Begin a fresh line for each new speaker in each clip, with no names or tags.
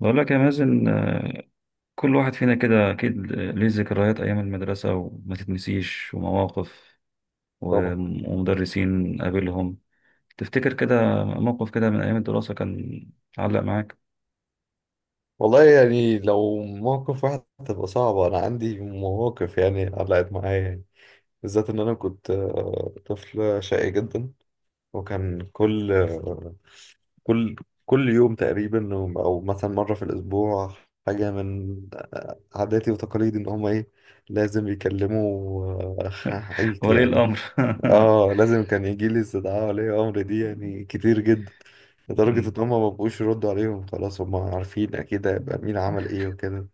بقول لك يا مازن، كل واحد فينا كده أكيد ليه ذكريات أيام المدرسة وما تتنسيش، ومواقف
طبعا.
ومدرسين قابلهم. تفتكر كده موقف كده من أيام الدراسة كان علق معاك؟
والله يعني لو موقف واحد تبقى صعبة، أنا عندي مواقف يعني علقت معايا يعني. بالذات إن أنا كنت طفل شقي جدا. وكان كل آه، كل كل يوم تقريبا أو مثلا مرة في الأسبوع، حاجة من عاداتي وتقاليدي إن هما إيه، لازم يكلموا آه، عيلتي
ولي
يعني.
الأمر.
اه، لازم كان يجي لي استدعاء ولي امر دي يعني كتير جدا، لدرجة
مم.
ان هم ما بقوش يردوا عليهم خلاص، هم عارفين اكيد هيبقى مين عمل ايه وكده.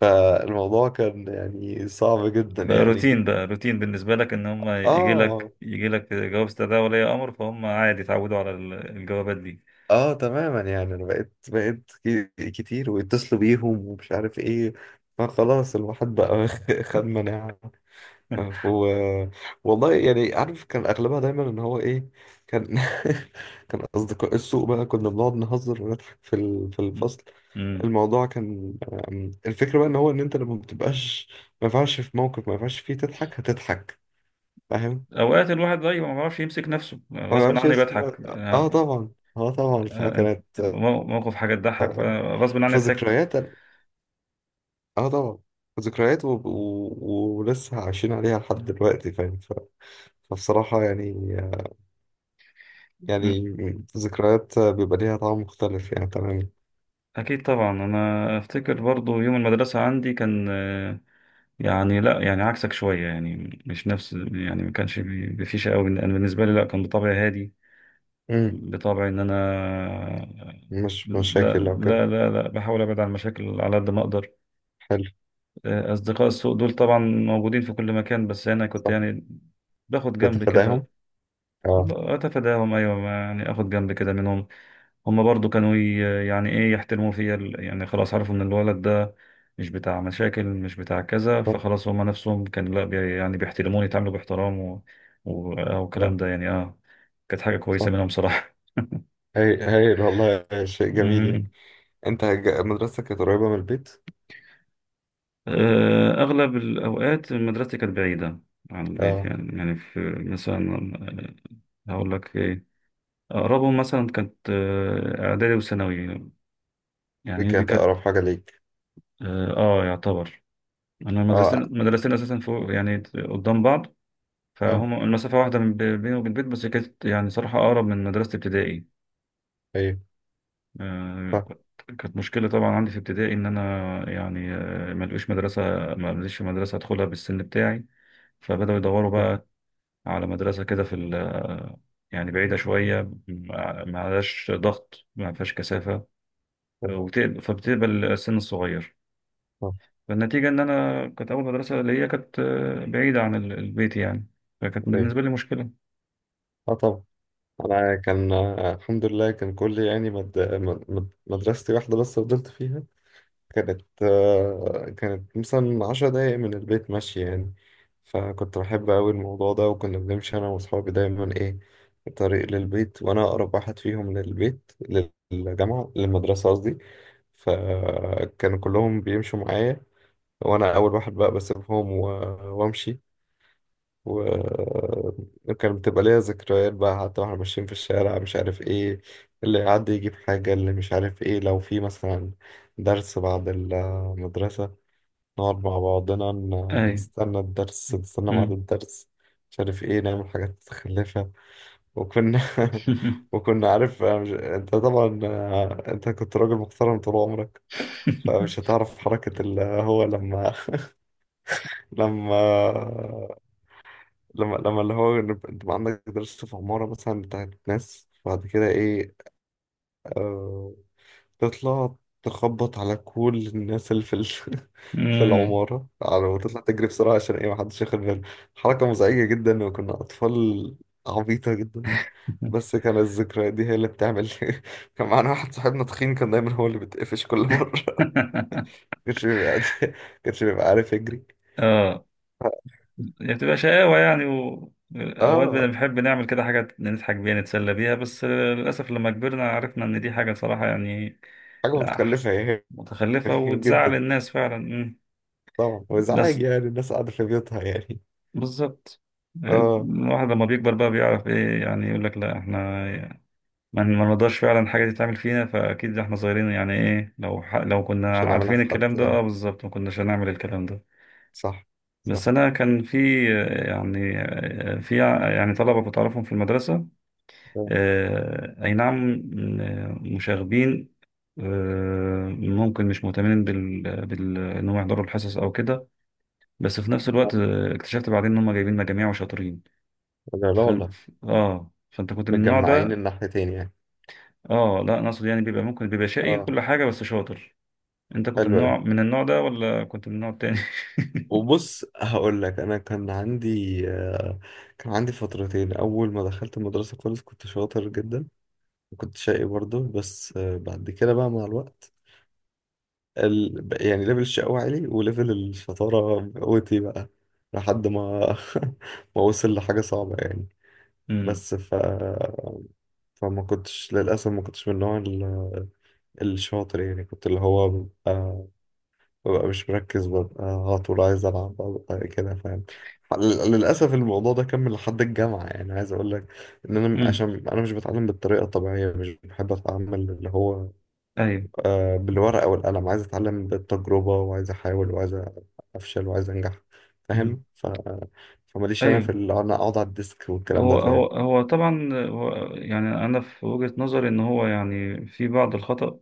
فالموضوع كان يعني صعب جدا
بقى
يعني.
روتين، بقى روتين بالنسبة لك إن هم يجي لك
اه
يجي لك جواب استدعاء ولي أمر، فهم عادي اتعودوا على الجوابات دي.
اه تماما، يعني انا بقيت كتير ويتصلوا بيهم ومش عارف ايه، فخلاص الواحد بقى خد مناعة. ف- و... والله يعني عارف كان اغلبها دايما ان هو ايه، كان كان اصدقاء السوق بقى، كنا بنقعد نهزر ونضحك في الفصل.
مم.
الموضوع كان الفكره بقى ان هو ان انت لما بتبقاش، ما ينفعش في موقف ما ينفعش فيه تضحك، هتضحك، فاهم.
اوقات الواحد بقى ما بيعرفش يمسك نفسه،
هو ما
غصب
يعرفش
عني
يمسك
بضحك.
بقى. اه طبعا، اه طبعا
آه،
فكانت.
موقف حاجة تضحك، فغصب عني ضحكت.
فذكريات أنا- اه طبعا، ذكريات ولسه عايشين عليها لحد دلوقتي فاهم. فبصراحه يعني، يعني
م-
ذكريات بيبقى ليها طعم مختلف يعني. تمام.
أكيد طبعا. أنا أفتكر برضو يوم المدرسة عندي كان يعني لا، يعني عكسك شوية يعني، مش نفس، يعني ما كانش بفيشة أوي. أنا بالنسبة لي لا، كان بطبعي هادي،
مم.
بطبعي إن أنا
مش
لا،
مشاكل لو كده.
لا، لا، لا، بحاول أبعد عن المشاكل على قد ما أقدر.
حلو.
أصدقاء السوء دول طبعا موجودين في كل مكان، بس أنا كنت
صح.
يعني باخد جنب كده.
بتتفاداهم اه.
أتفاداهم، أيوة، يعني آخد جنب كده منهم. هما برضو كانوا يعني ايه يحترموا فيا، يعني خلاص عرفوا ان الولد ده مش بتاع مشاكل مش بتاع كذا،
صح
فخلاص هما نفسهم كان لا بي يعني بيحترموني، يتعاملوا باحترام، و... و... آه،
اه.
والكلام ده يعني اه كانت حاجة كويسة
صح.
منهم صراحة.
هاي، هايل والله، شيء جميل
مم.
يعني. انت مدرستك كانت قريبة من البيت؟
أغلب الأوقات مدرستي كانت بعيدة عن البيت
اه
يعني. يعني في مثلا هقول لك إيه، أقربهم مثلا كانت إعدادي وثانوي.
دي
يعني دي
كانت
كانت
اقرب حاجة ليك.
يعتبر، انا المدرستين
اه
المدرستين اساسا فوق يعني، قدام بعض.
اه
فهم المسافه واحده من بيني وبين البيت، بس كانت يعني صراحه اقرب من مدرسه ابتدائي.
ايوه.
آه،
صح
كانت كانت مشكله طبعا عندي في ابتدائي ان انا يعني ما لقوش مدرسه، ما لقيتش مدرسه ادخلها بالسن بتاعي، فبداوا يدوروا
صح
بقى على مدرسه كده في يعني بعيده شويه، ما ما عليهاش ضغط، ما فيهاش كثافه،
صح
فبتقبل السن الصغير.
صح
فالنتيجة إن أنا كانت أول مدرسة ليا كانت بعيدة عن البيت يعني، فكانت
ايوه.
بالنسبة لي مشكلة.
اه طبعا، انا كان الحمد لله، كان كل يعني مدرستي واحدة بس فضلت فيها. كانت كانت مثلا 10 دقايق من البيت ماشية يعني. فكنت بحب أوي الموضوع ده، وكنا بنمشي أنا وأصحابي دايما إيه طريق للبيت، وأنا أقرب واحد فيهم للبيت، للجامعة، للمدرسة قصدي. فكانوا كلهم بيمشوا معايا، وأنا أول واحد بقى بسيبهم وأمشي. وكان بتبقى ليا ذكريات بقى، حتى واحنا ماشيين في الشارع مش عارف ايه اللي يعدي يجيب حاجة، اللي مش عارف ايه، لو في مثلا درس بعد المدرسة، نقعد مع بعضنا
أي.
نستنى الدرس، نستنى بعد
مم.
الدرس، مش عارف ايه، نعمل حاجات متخلفة. وكنا وكنا عارف، أنا مش... انت طبعا انت كنت راجل محترم طول عمرك، فمش هتعرف حركة اللي هو لما لما لما اللي هو إن انت بقى عندك دراسة في عمارة مثلا بتاعت ناس، بعد كده ايه، آه تطلع تخبط على كل الناس اللي في
مم.
العمارة، على وتطلع تجري بسرعة عشان ايه محدش ياخد باله. حركة مزعجة جدا، وكنا أطفال عبيطة جدا، بس كان الذكريات دي هي اللي بتعمل. كان معانا واحد صاحبنا تخين كان دايما هو اللي بيتقفش كل مرة. كانش بيبقى كانش بيبقى عارف يجري.
آه. هي بتبقى شقاوة يعني، أوقات
اه،
بنحب نعمل كده حاجة نضحك بيها نتسلى بيها، بس للأسف لما كبرنا عرفنا إن دي حاجة صراحة يعني،
حاجة
لا،
متخلفة يعني.
متخلفة وتزعل
جدا.
الناس فعلا. مم.
طبعا،
بس
وازعاج يعني الناس قاعدة في بيوتها يعني.
بالظبط،
اه
الواحد لما بيكبر بقى بيعرف ايه، يعني يقول لك لا، احنا ما نقدرش فعلا حاجة تتعمل فينا، فأكيد إحنا صغيرين يعني إيه، لو ح... لو كنا
مش هنعملها
عارفين
في حد
الكلام ده
اه.
أه بالظبط ما كناش هنعمل الكلام ده.
صح صح
بس أنا كان في يعني في يعني طلبة كنت أعرفهم في المدرسة،
آه.
أي نعم، مشاغبين، ممكن مش مهتمين إن هم يحضروا الحصص أو كده. بس في نفس الوقت اكتشفت بعدين إن هم جايبين مجاميع وشاطرين.
لا لا والله.
فأنت كنت من النوع
متجمعين
ده؟
الناحيتين يعني.
اه، لا، انا اقصد يعني بيبقى ممكن بيبقى شقي
اه
كل حاجه بس شاطر. انت كنت
حلو أوي.
من النوع ده، ولا كنت من النوع التاني؟
وبص هقول لك، انا كان عندي فترتين اول ما دخلت المدرسه خالص كنت شاطر جدا، وكنت شقي برضه، بس بعد كده بقى مع الوقت، يعني ليفل الشقاوة عالي وليفل الشطاره قوتي بقى، لحد ما ما وصل لحاجه صعبه يعني.
امم،
بس فما كنتش للأسف، ما كنتش من النوع الشاطر يعني، كنت اللي هو ببقى مش مركز، ببقى على طول عايز ألعب، ببقى كده فاهم. للأسف الموضوع ده كمل لحد الجامعة يعني، عايز أقول لك إن أنا
امم،
عشان أنا مش بتعلم بالطريقة الطبيعية، مش بحب أتعامل اللي هو
ايوه.
بالورقة والقلم، عايز أتعلم بالتجربة، وعايز أحاول، وعايز أفشل، وعايز أنجح
مم.
فاهم. فماليش أنا
ايوه،
في اللي أنا أقعد على الديسك والكلام
هو
ده
هو
فاهم.
هو طبعا، هو يعني. انا في وجهة نظري ان هو يعني في بعض الخطأ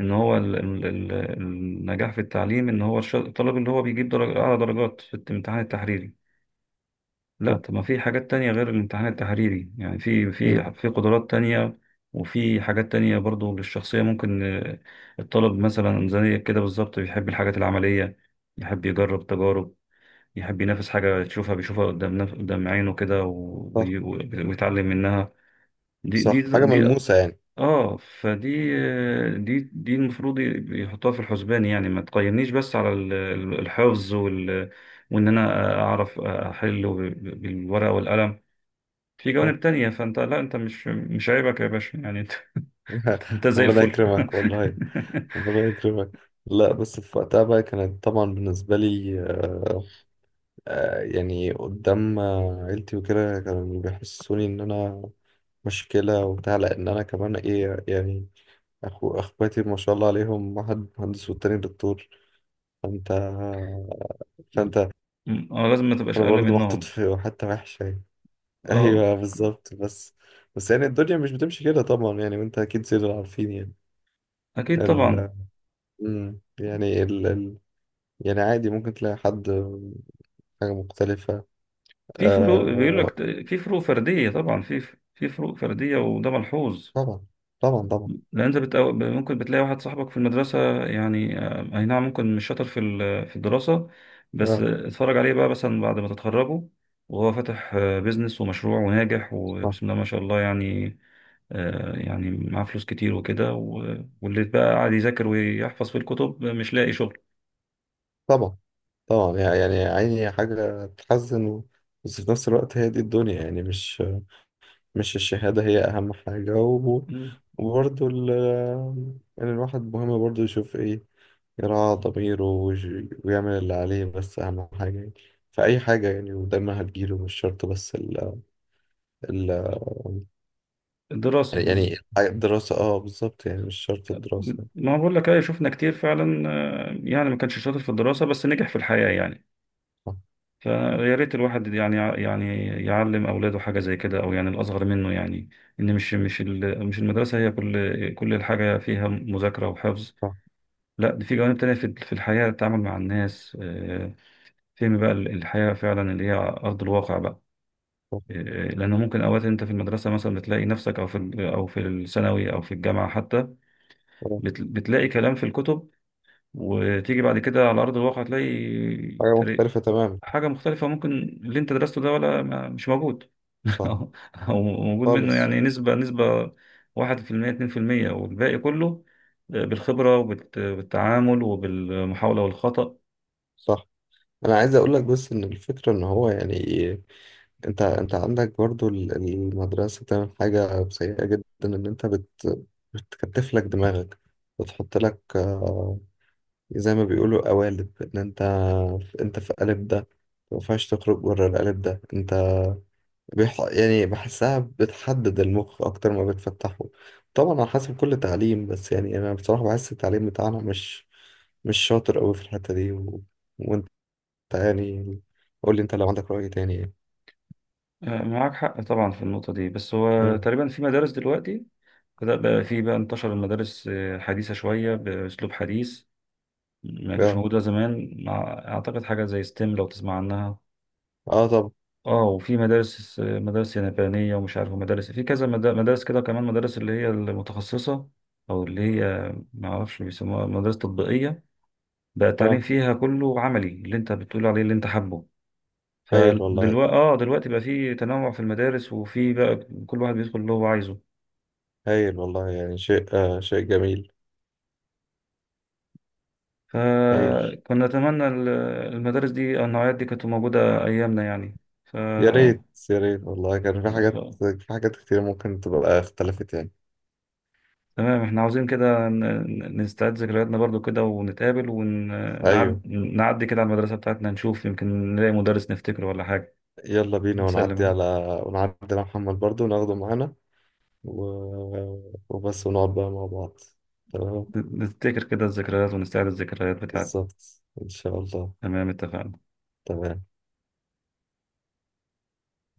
ان هو النجاح في التعليم ان هو الطالب اللي هو بيجيب درجة اعلى درجات في الامتحان التحريري. لا،
صح.
طب ما في حاجات تانية غير الامتحان التحريري يعني، في
مم.
في قدرات تانية، وفي حاجات تانية برضو للشخصية. ممكن الطالب مثلا زي كده بالظبط بيحب الحاجات العملية، يحب يجرب تجارب، يحب ينافس حاجة يشوفها بيشوفها قدام نف... قدام عينه كده،
صح.
ويتعلم منها. دي دي
صح، حاجة
دي
ملموسة يعني.
اه فدي آه، دي دي المفروض يحطها في الحسبان، يعني ما تقيمنيش بس على الحفظ، وان انا اعرف احله بالورقة والقلم. في جوانب تانية، فانت لا، انت مش عيبك يا باشا يعني، انت، انت زي
ربنا
الفل.
يكرمك والله، ربنا يكرمك. لا بس في وقتها بقى كانت طبعا بالنسبة لي يعني قدام عيلتي وكده كانوا بيحسوني إن أنا مشكلة وبتاع، لأن أنا كمان إيه يعني، أخو أخواتي ما شاء الله عليهم واحد مهندس والتاني دكتور. فأنت فأنت
اه، لازم ما تبقاش
أنا
اقل
برضو محطوط
منهم.
في حتة وحشة يعني.
اه،
أيوه بالظبط. بس يعني الدنيا مش بتمشي كده طبعا يعني، وأنت أكيد زي ما عارفين
اكيد
يعني.
طبعا،
مم. يعني يعني عادي ممكن تلاقي حد حاجة مختلفة.
في فروق بيقول
آه...
لك، في فروق فردية طبعا، في في فروق فردية وده ملحوظ.
طبعا طبعا طبعا.
لان انت بتقو... ممكن بتلاقي واحد صاحبك في المدرسه يعني، اي نعم، ممكن مش شاطر في في الدراسه، بس
آه.
اتفرج عليه بقى مثلا بعد ما تتخرجوا وهو فاتح بيزنس ومشروع وناجح
صح.
وبسم الله ما شاء الله يعني. يعني معاه فلوس كتير وكده، واللي بقى قاعد يذاكر ويحفظ في الكتب مش لاقي شغل.
طبعا طبعا يعني، يعني عيني حاجة تحزن، بس في نفس الوقت هي دي الدنيا يعني، مش مش الشهادة هي أهم حاجة، و...
مم.
وبرضه يعني الواحد مهم برضه يشوف إيه، يراعى ضميره، ويعمل اللي عليه، بس أهم حاجة يعني في أي حاجة يعني، ودايما هتجيله، مش شرط بس ال...
الدراسة بز...
يعني حاجة دراسة، اه بالظبط يعني، مش شرط الدراسة يعني.
ما بقول لك ايه، شفنا كتير فعلا يعني ما كانش شاطر في الدراسة بس نجح في الحياة يعني.
صح
فيا ريت الواحد يعني يعلم اولاده حاجه زي كده، او يعني الاصغر منه يعني، ان مش المدرسه هي كل الحاجه فيها مذاكره وحفظ.
صح
لا، دي في جوانب تانية، في في الحياه، التعامل مع الناس، فهم بقى الحياه فعلا اللي هي ارض الواقع بقى.
صح
لانه ممكن اوقات انت في المدرسه مثلا بتلاقي نفسك، او في او في الثانوي او في الجامعه حتى
صح.
بتلاقي كلام في الكتب، وتيجي بعد كده على ارض الواقع،
حاجة
تلاقي
مختلفة تماما.
حاجة مختلفة. ممكن اللي انت درسته ده ولا ما مش موجود،
صح.
او أو موجود منه
خالص.
يعني نسبة، نسبة 1% 2%، والباقي كله بالخبرة وبالتعامل وبالمحاولة والخطأ.
صح. أنا عايز أقول لك بس إن الفكرة إن هو يعني، أنت عندك برضو المدرسة بتعمل حاجة سيئة جدا، إن أنت بتكتف لك دماغك، بتحط لك زي ما بيقولوا قوالب، إن أنت في قالب ده ما ينفعش تخرج بره القالب ده، انت يعني بحسها بتحدد المخ أكتر ما بتفتحه. طبعا على حسب كل تعليم، بس يعني أنا بصراحة بحس التعليم بتاعنا مش شاطر أوي في الحتة دي، وأنت يعني قول لي أنت لو عندك رأي تاني يعني.
معاك حق طبعا في النقطة دي. بس هو
مم.
تقريبا في مدارس دلوقتي بدأ بقى في بقى انتشر المدارس، حديثة شوية بأسلوب حديث، ما كانش
آه.
موجودة زمان. مع أعتقد حاجة زي ستيم، لو تسمع عنها.
آه طب.
اه، وفي مدارس يابانية، ومش عارف مدارس في كذا مدارس كده كمان، مدارس اللي هي المتخصصة، أو اللي هي ما أعرفش بيسموها مدارس تطبيقية، بقى التعليم
آه.
فيها كله عملي، اللي أنت بتقول عليه اللي أنت حابه.
هايل والله،
فدلوقتي اه دلوقتي بقى في تنوع في المدارس، وفي بقى كل واحد بيدخل اللي هو عايزه.
هايل والله يعني، شيء شيء جميل. هايل.
فكنا نتمنى المدارس دي أو النوعيات دي كانت موجودة أيامنا يعني. ف
يا ريت، يا ريت والله كان في حاجات كتير ممكن تبقى اختلفت يعني.
تمام، احنا عاوزين كده نستعيد ذكرياتنا برضو كده، ونتقابل،
أيوه.
ونعدي كده على المدرسة بتاعتنا، نشوف يمكن نلاقي مدرس نفتكره ولا حاجة،
يلا بينا
نسلم
ونعدي على،
عليه.
ونعدي على محمد برضو وناخده معانا، و... وبس ونقعد بقى مع بعض. تمام.
نفتكر كده الذكريات، ونستعيد الذكريات بتاعتنا.
بالظبط إن شاء الله.
تمام، اتفقنا.
تمام.